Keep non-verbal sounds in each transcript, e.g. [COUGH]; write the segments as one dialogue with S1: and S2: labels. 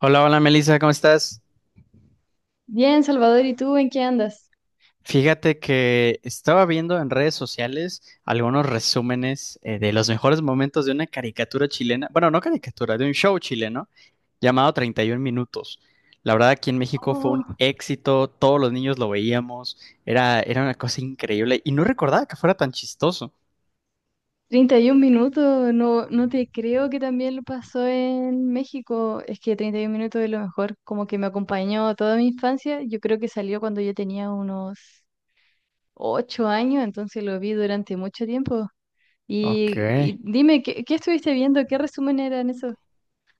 S1: Hola, hola Melissa, ¿cómo estás?
S2: Bien, Salvador, ¿y tú en qué andas?
S1: Fíjate que estaba viendo en redes sociales algunos resúmenes de los mejores momentos de una caricatura chilena, bueno, no caricatura, de un show chileno llamado 31 Minutos. La verdad, aquí en México fue
S2: Oh,
S1: un éxito, todos los niños lo veíamos, era una cosa increíble y no recordaba que fuera tan chistoso.
S2: 31 minutos, no, no te creo que también lo pasó en México. Es que 31 minutos es lo mejor, como que me acompañó toda mi infancia. Yo creo que salió cuando yo tenía unos 8 años, entonces lo vi durante mucho tiempo.
S1: Ok.
S2: Y dime, ¿qué estuviste viendo? ¿Qué resumen eran eso?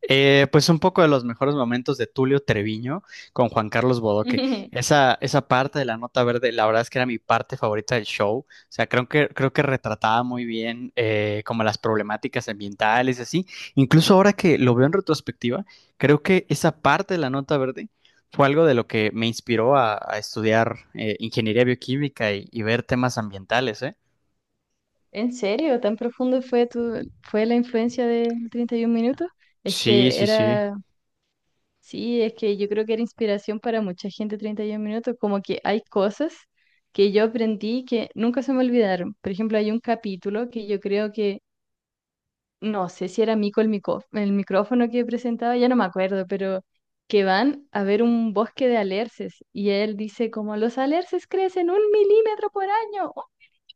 S1: Pues un poco de los mejores momentos de Tulio Treviño con Juan Carlos Bodoque.
S2: [LAUGHS]
S1: Esa parte de la nota verde, la verdad es que era mi parte favorita del show. O sea, creo que retrataba muy bien como las problemáticas ambientales y así. Incluso ahora que lo veo en retrospectiva, creo que esa parte de la nota verde fue algo de lo que me inspiró a estudiar ingeniería bioquímica y ver temas ambientales, ¿eh?
S2: ¿En serio? ¿Tan profundo fue fue la influencia de 31 minutos? Es
S1: Sí,
S2: que
S1: sí, sí.
S2: era. Sí, es que yo creo que era inspiración para mucha gente 31 minutos, como que hay cosas que yo aprendí que nunca se me olvidaron. Por ejemplo, hay un capítulo que yo creo que, no sé si era Mico el micrófono que presentaba, ya no me acuerdo, pero que van a ver un bosque de alerces y él dice como los alerces crecen 1 milímetro por año,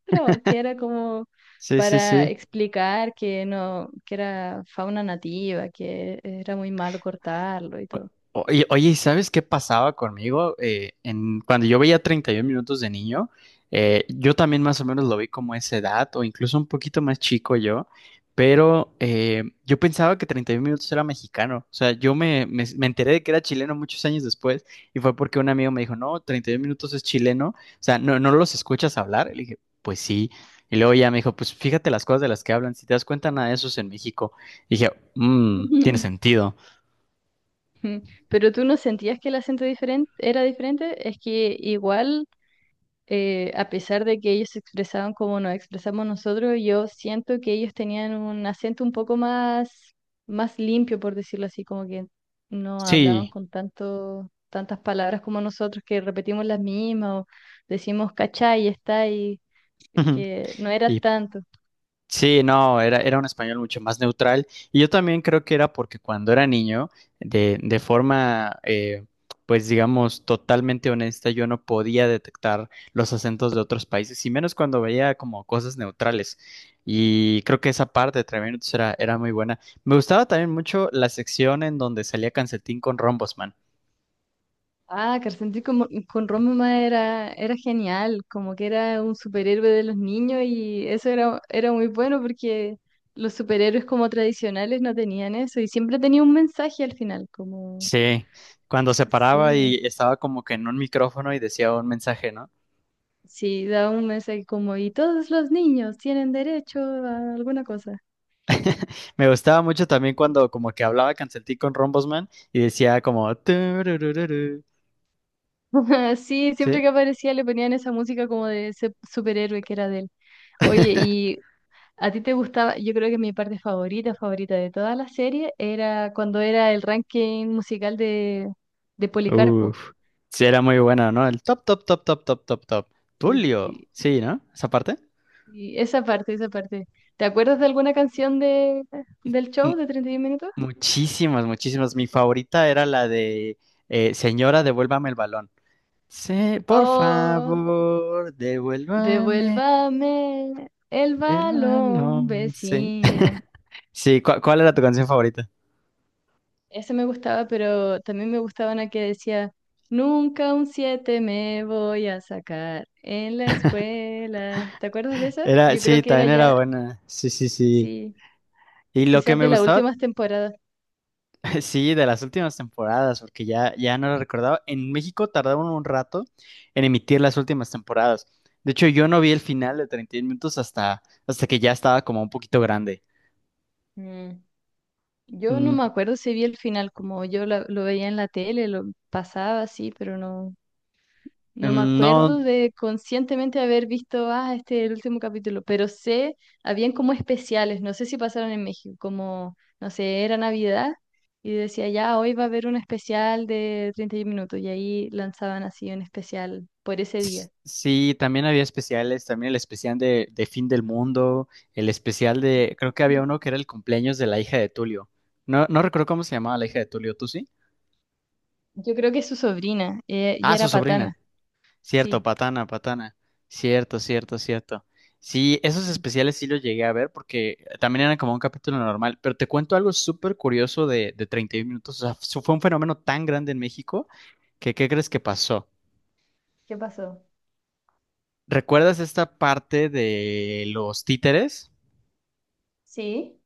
S2: otro, que era como
S1: Sí, sí,
S2: para
S1: sí.
S2: explicar que no, que era fauna nativa, que era muy malo cortarlo y todo.
S1: Oye, oye, ¿sabes qué pasaba conmigo? Cuando yo veía 31 minutos de niño, yo también más o menos lo vi como esa edad, o incluso un poquito más chico yo, pero yo pensaba que 31 minutos era mexicano. O sea, yo me enteré de que era chileno muchos años después, y fue porque un amigo me dijo, no, 31 minutos es chileno, o sea, no, no los escuchas hablar. Y le dije, pues sí. Y luego ya me dijo, pues fíjate las cosas de las que hablan, si te das cuenta, nada de eso es en México. Y dije, mmm, tiene
S2: [LAUGHS]
S1: sentido.
S2: Pero tú no sentías que el acento diferente era diferente, es que igual, a pesar de que ellos se expresaban como nos expresamos nosotros, yo siento que ellos tenían un acento un poco más limpio, por decirlo así, como que no hablaban
S1: Sí.
S2: con tantas palabras como nosotros, que repetimos las mismas o decimos cachai, está y
S1: Ujú.
S2: que no era
S1: Y
S2: tanto.
S1: sí, no, era un español mucho más neutral. Y yo también creo que era porque cuando era niño, de forma, pues digamos, totalmente honesta, yo no podía detectar los acentos de otros países, y menos cuando veía como cosas neutrales. Y creo que esa parte de Tres Minutos era muy buena. Me gustaba también mucho la sección en donde salía Cancetín con Rombosman.
S2: Ah, Carcenti con Roma era genial, como que era un superhéroe de los niños y eso era muy bueno porque los superhéroes como tradicionales no tenían eso y siempre tenía un mensaje al final, como,
S1: Sí, cuando se paraba y
S2: sí,
S1: estaba como que en un micrófono y decía un mensaje, ¿no?
S2: sí, daba un mensaje como, y todos los niños tienen derecho a alguna cosa.
S1: Me gustaba mucho también cuando
S2: [LAUGHS]
S1: como que hablaba Canceltí con Rombosman y decía como: "Tururururu".
S2: Sí,
S1: ¿Sí?
S2: siempre que aparecía le ponían esa música como de ese superhéroe que era de él. Oye,
S1: [LAUGHS]
S2: y ¿a ti te gustaba? Yo creo que mi parte favorita, favorita de toda la serie era cuando era el ranking musical de Policarpo.
S1: Uf. Sí, era muy bueno, ¿no? El top, top, top, top, top, top, top.
S2: Sí, sí,
S1: Tulio.
S2: sí.
S1: Sí, ¿no? Esa parte.
S2: Y esa parte, esa parte. ¿Te acuerdas de alguna canción del
S1: Mu-
S2: show de 31 minutos?
S1: muchísimas, muchísimas. Mi favorita era la de Señora, devuélvame el balón. Sí, por
S2: Oh,
S1: favor, devuélvame
S2: devuélvame el
S1: el
S2: balón,
S1: balón. Sí.
S2: vecina.
S1: [LAUGHS] Sí, ¿cuál era tu canción favorita?
S2: Ese me gustaba, pero también me gustaba una que decía, nunca un 7 me voy a sacar en la escuela. ¿Te acuerdas de esa?
S1: Era,
S2: Yo
S1: sí,
S2: creo que era
S1: también era
S2: ya,
S1: buena. Sí, sí, sí.
S2: sí,
S1: Y lo que
S2: quizás
S1: me
S2: de las
S1: gustaba.
S2: últimas temporadas.
S1: [LAUGHS] Sí, de las últimas temporadas, porque ya no lo recordaba. En México tardaron un rato en emitir las últimas temporadas. De hecho, yo no vi el final de 31 minutos hasta que ya estaba como un poquito grande.
S2: Mm, Yo no
S1: Mm,
S2: me acuerdo si vi el final, como yo lo veía en la tele, lo pasaba así, pero no, no me
S1: mm, no,
S2: acuerdo de conscientemente haber visto, ah, este es el último capítulo, pero sé, habían como especiales, no sé si pasaron en México, como, no sé, era Navidad y decía, ya, hoy va a haber un especial de 31 minutos y ahí lanzaban así un especial por ese día.
S1: sí, también había especiales, también el especial de Fin del Mundo, el especial de, creo que había
S2: Mm.
S1: uno que era el cumpleaños de la hija de Tulio. No, no recuerdo cómo se llamaba la hija de Tulio, ¿tú sí?
S2: Yo creo que es su sobrina y
S1: Ah, su
S2: era
S1: sobrina.
S2: patana,
S1: Cierto,
S2: sí.
S1: Patana, Patana. Cierto, cierto, cierto. Sí, esos
S2: Sí.
S1: especiales sí los llegué a ver porque también eran como un capítulo normal, pero te cuento algo súper curioso de 31 minutos. O sea, fue un fenómeno tan grande en México que, ¿qué crees que pasó?
S2: ¿Qué pasó?
S1: ¿Recuerdas esta parte de los títeres?
S2: Sí.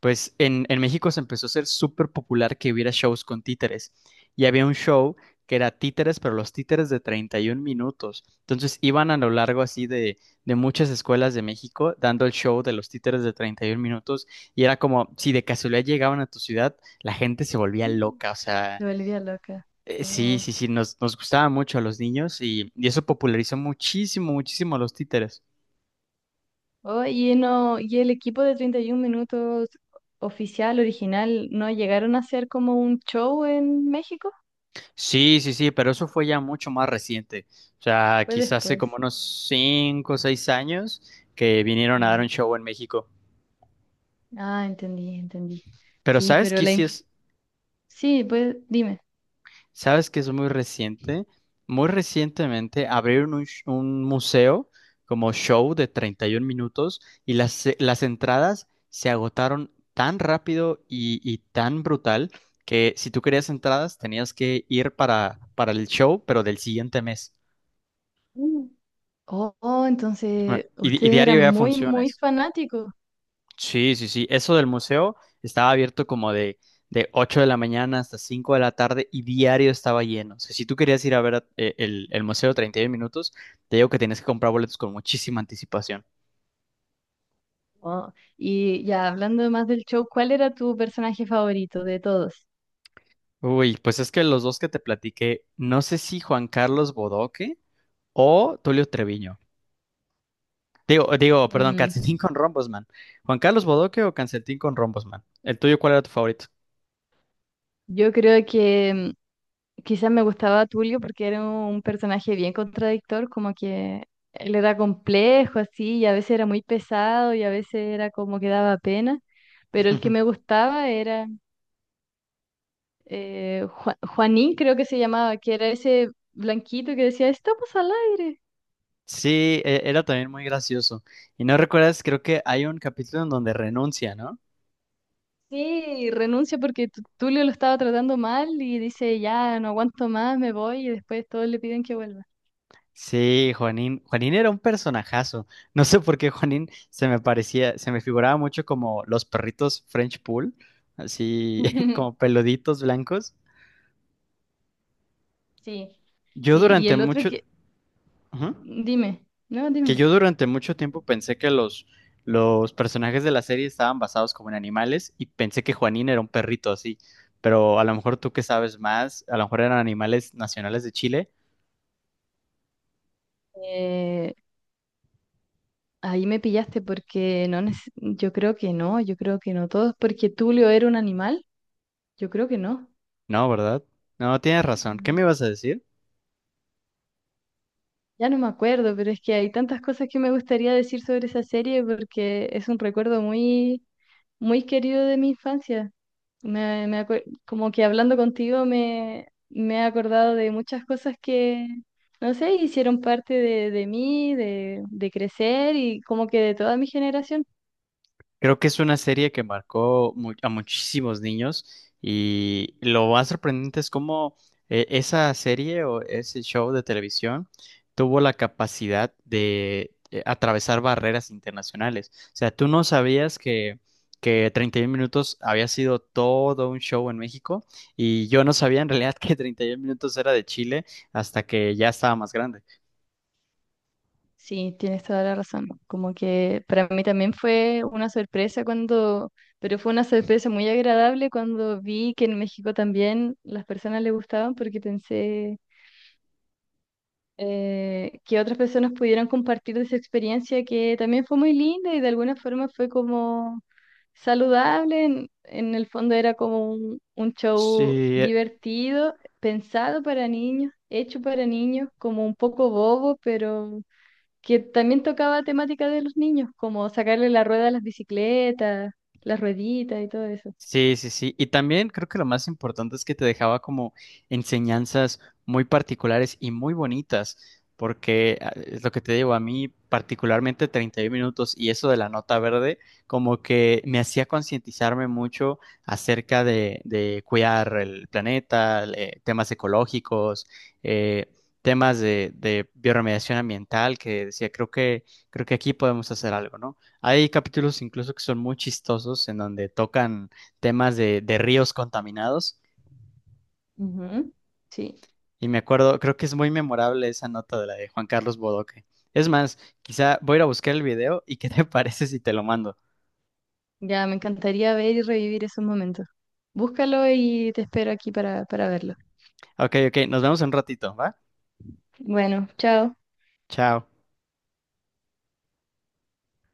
S1: Pues en México se empezó a ser súper popular que hubiera shows con títeres. Y había un show que era títeres, pero los títeres de 31 minutos. Entonces iban a lo largo así de muchas escuelas de México dando el show de los títeres de 31 minutos. Y era como si de casualidad llegaban a tu ciudad, la gente se volvía loca. O sea,
S2: Te volvía loca.
S1: sí,
S2: Oh.
S1: sí, sí, nos gustaba mucho a los niños y eso popularizó muchísimo, muchísimo a los títeres.
S2: Oye, no, y el equipo de 31 minutos oficial, original, ¿no llegaron a hacer como un show en México?
S1: Sí, sí, sí, pero eso fue ya mucho más reciente. O sea,
S2: Fue
S1: quizás hace como
S2: después.
S1: unos 5 o 6 años que vinieron a dar
S2: Mm.
S1: un show en México.
S2: Ah, entendí, entendí.
S1: Pero
S2: Sí,
S1: ¿sabes
S2: pero
S1: qué sí es?
S2: sí, pues dime.
S1: ¿Sabes que es muy reciente? Muy recientemente abrieron un museo como show de 31 minutos y las entradas se agotaron tan rápido y tan brutal que si tú querías entradas tenías que ir para el show, pero del siguiente mes.
S2: Mm. Oh, oh,
S1: Ah,
S2: entonces
S1: y
S2: ustedes
S1: diario
S2: eran
S1: había
S2: muy, muy
S1: funciones.
S2: fanáticos.
S1: Sí, sí, sí. Eso del museo estaba abierto como de 8 de la mañana hasta 5 de la tarde y diario estaba lleno. O sea, si tú querías ir a ver el museo 31 minutos, te digo que tenías que comprar boletos con muchísima anticipación.
S2: Oh, y ya hablando más del show, ¿cuál era tu personaje favorito de todos?
S1: Uy, pues es que los dos que te platiqué, no sé si Juan Carlos Bodoque o Tulio Treviño. Digo, perdón,
S2: Mm,
S1: Calcetín con Rombosman. ¿Juan Carlos Bodoque o Calcetín con Rombosman? ¿El tuyo cuál era tu favorito?
S2: Yo creo que quizás me gustaba Tulio porque era un personaje bien contradictor, como que él era complejo así, y a veces era muy pesado y a veces era como que daba pena, pero el que me
S1: [LAUGHS]
S2: gustaba era Juanín, creo que se llamaba, que era ese blanquito que decía, estamos al aire.
S1: Sí, era también muy gracioso. Y no recuerdas, creo que hay un capítulo en donde renuncia, ¿no?
S2: Sí, y renuncia porque Tulio lo estaba tratando mal y dice, ya, no aguanto más, me voy y después todos le piden que vuelva.
S1: Sí, Juanín. Juanín era un personajazo. No sé por qué Juanín se me parecía, se me figuraba mucho como los perritos French Poodle, así [LAUGHS] como
S2: [LAUGHS]
S1: peluditos blancos.
S2: Sí,
S1: Yo
S2: sí, y
S1: durante
S2: el otro
S1: mucho,
S2: que,
S1: Ujú.
S2: dime, no,
S1: Que
S2: dime.
S1: yo durante mucho tiempo pensé que los personajes de la serie estaban basados como en animales y pensé que Juanín era un perrito así. Pero a lo mejor tú que sabes más, a lo mejor eran animales nacionales de Chile.
S2: Eh, ahí me pillaste porque no, yo creo que no, yo creo que no todos, porque Tulio era un animal, yo creo que no.
S1: No, ¿verdad? No, tienes razón. ¿Qué me
S2: Mm.
S1: ibas a decir?
S2: Ya no me acuerdo, pero es que hay tantas cosas que me gustaría decir sobre esa serie porque es un recuerdo muy, muy querido de mi infancia. Como que hablando contigo me he acordado de muchas cosas que, no sé, hicieron parte de mí, de crecer y como que de toda mi generación.
S1: Creo que es una serie que marcó a muchísimos niños y lo más sorprendente es cómo esa serie o ese show de televisión tuvo la capacidad de atravesar barreras internacionales. O sea, tú no sabías que 31 minutos había sido todo un show en México y yo no sabía en realidad [LAUGHS] que 31 minutos era de Chile hasta que ya estaba más grande.
S2: Sí, tienes toda la razón. Como que para mí también fue una sorpresa cuando, pero fue una sorpresa muy agradable cuando vi que en México también las personas le gustaban porque pensé que otras personas pudieran compartir de esa experiencia que también fue muy linda y de alguna forma fue como saludable. En el fondo era como un show
S1: Sí,
S2: divertido, pensado para niños, hecho para niños, como un poco bobo, pero que también tocaba temática de los niños, como sacarle la rueda a las bicicletas, las rueditas y todo eso.
S1: sí, sí, sí. Y también creo que lo más importante es que te dejaba como enseñanzas muy particulares y muy bonitas, porque es lo que te digo, a mí particularmente 31 minutos y eso de la nota verde, como que me hacía concientizarme mucho acerca de cuidar el planeta, temas ecológicos, eh, temas de bioremediación ambiental, que decía, creo que aquí podemos hacer algo, ¿no? Hay capítulos incluso que son muy chistosos en donde tocan temas de ríos contaminados.
S2: Ujú. Sí,
S1: Y me acuerdo, creo que es muy memorable esa nota de la de Juan Carlos Bodoque. Es más, quizá voy a ir a buscar el video y qué te [LAUGHS] parece si te lo mando.
S2: ya me encantaría ver y revivir esos momentos. Búscalo y te espero aquí para verlo.
S1: Ok, ok, nos vemos en un ratito, ¿va?
S2: Bueno, chao.
S1: Chao.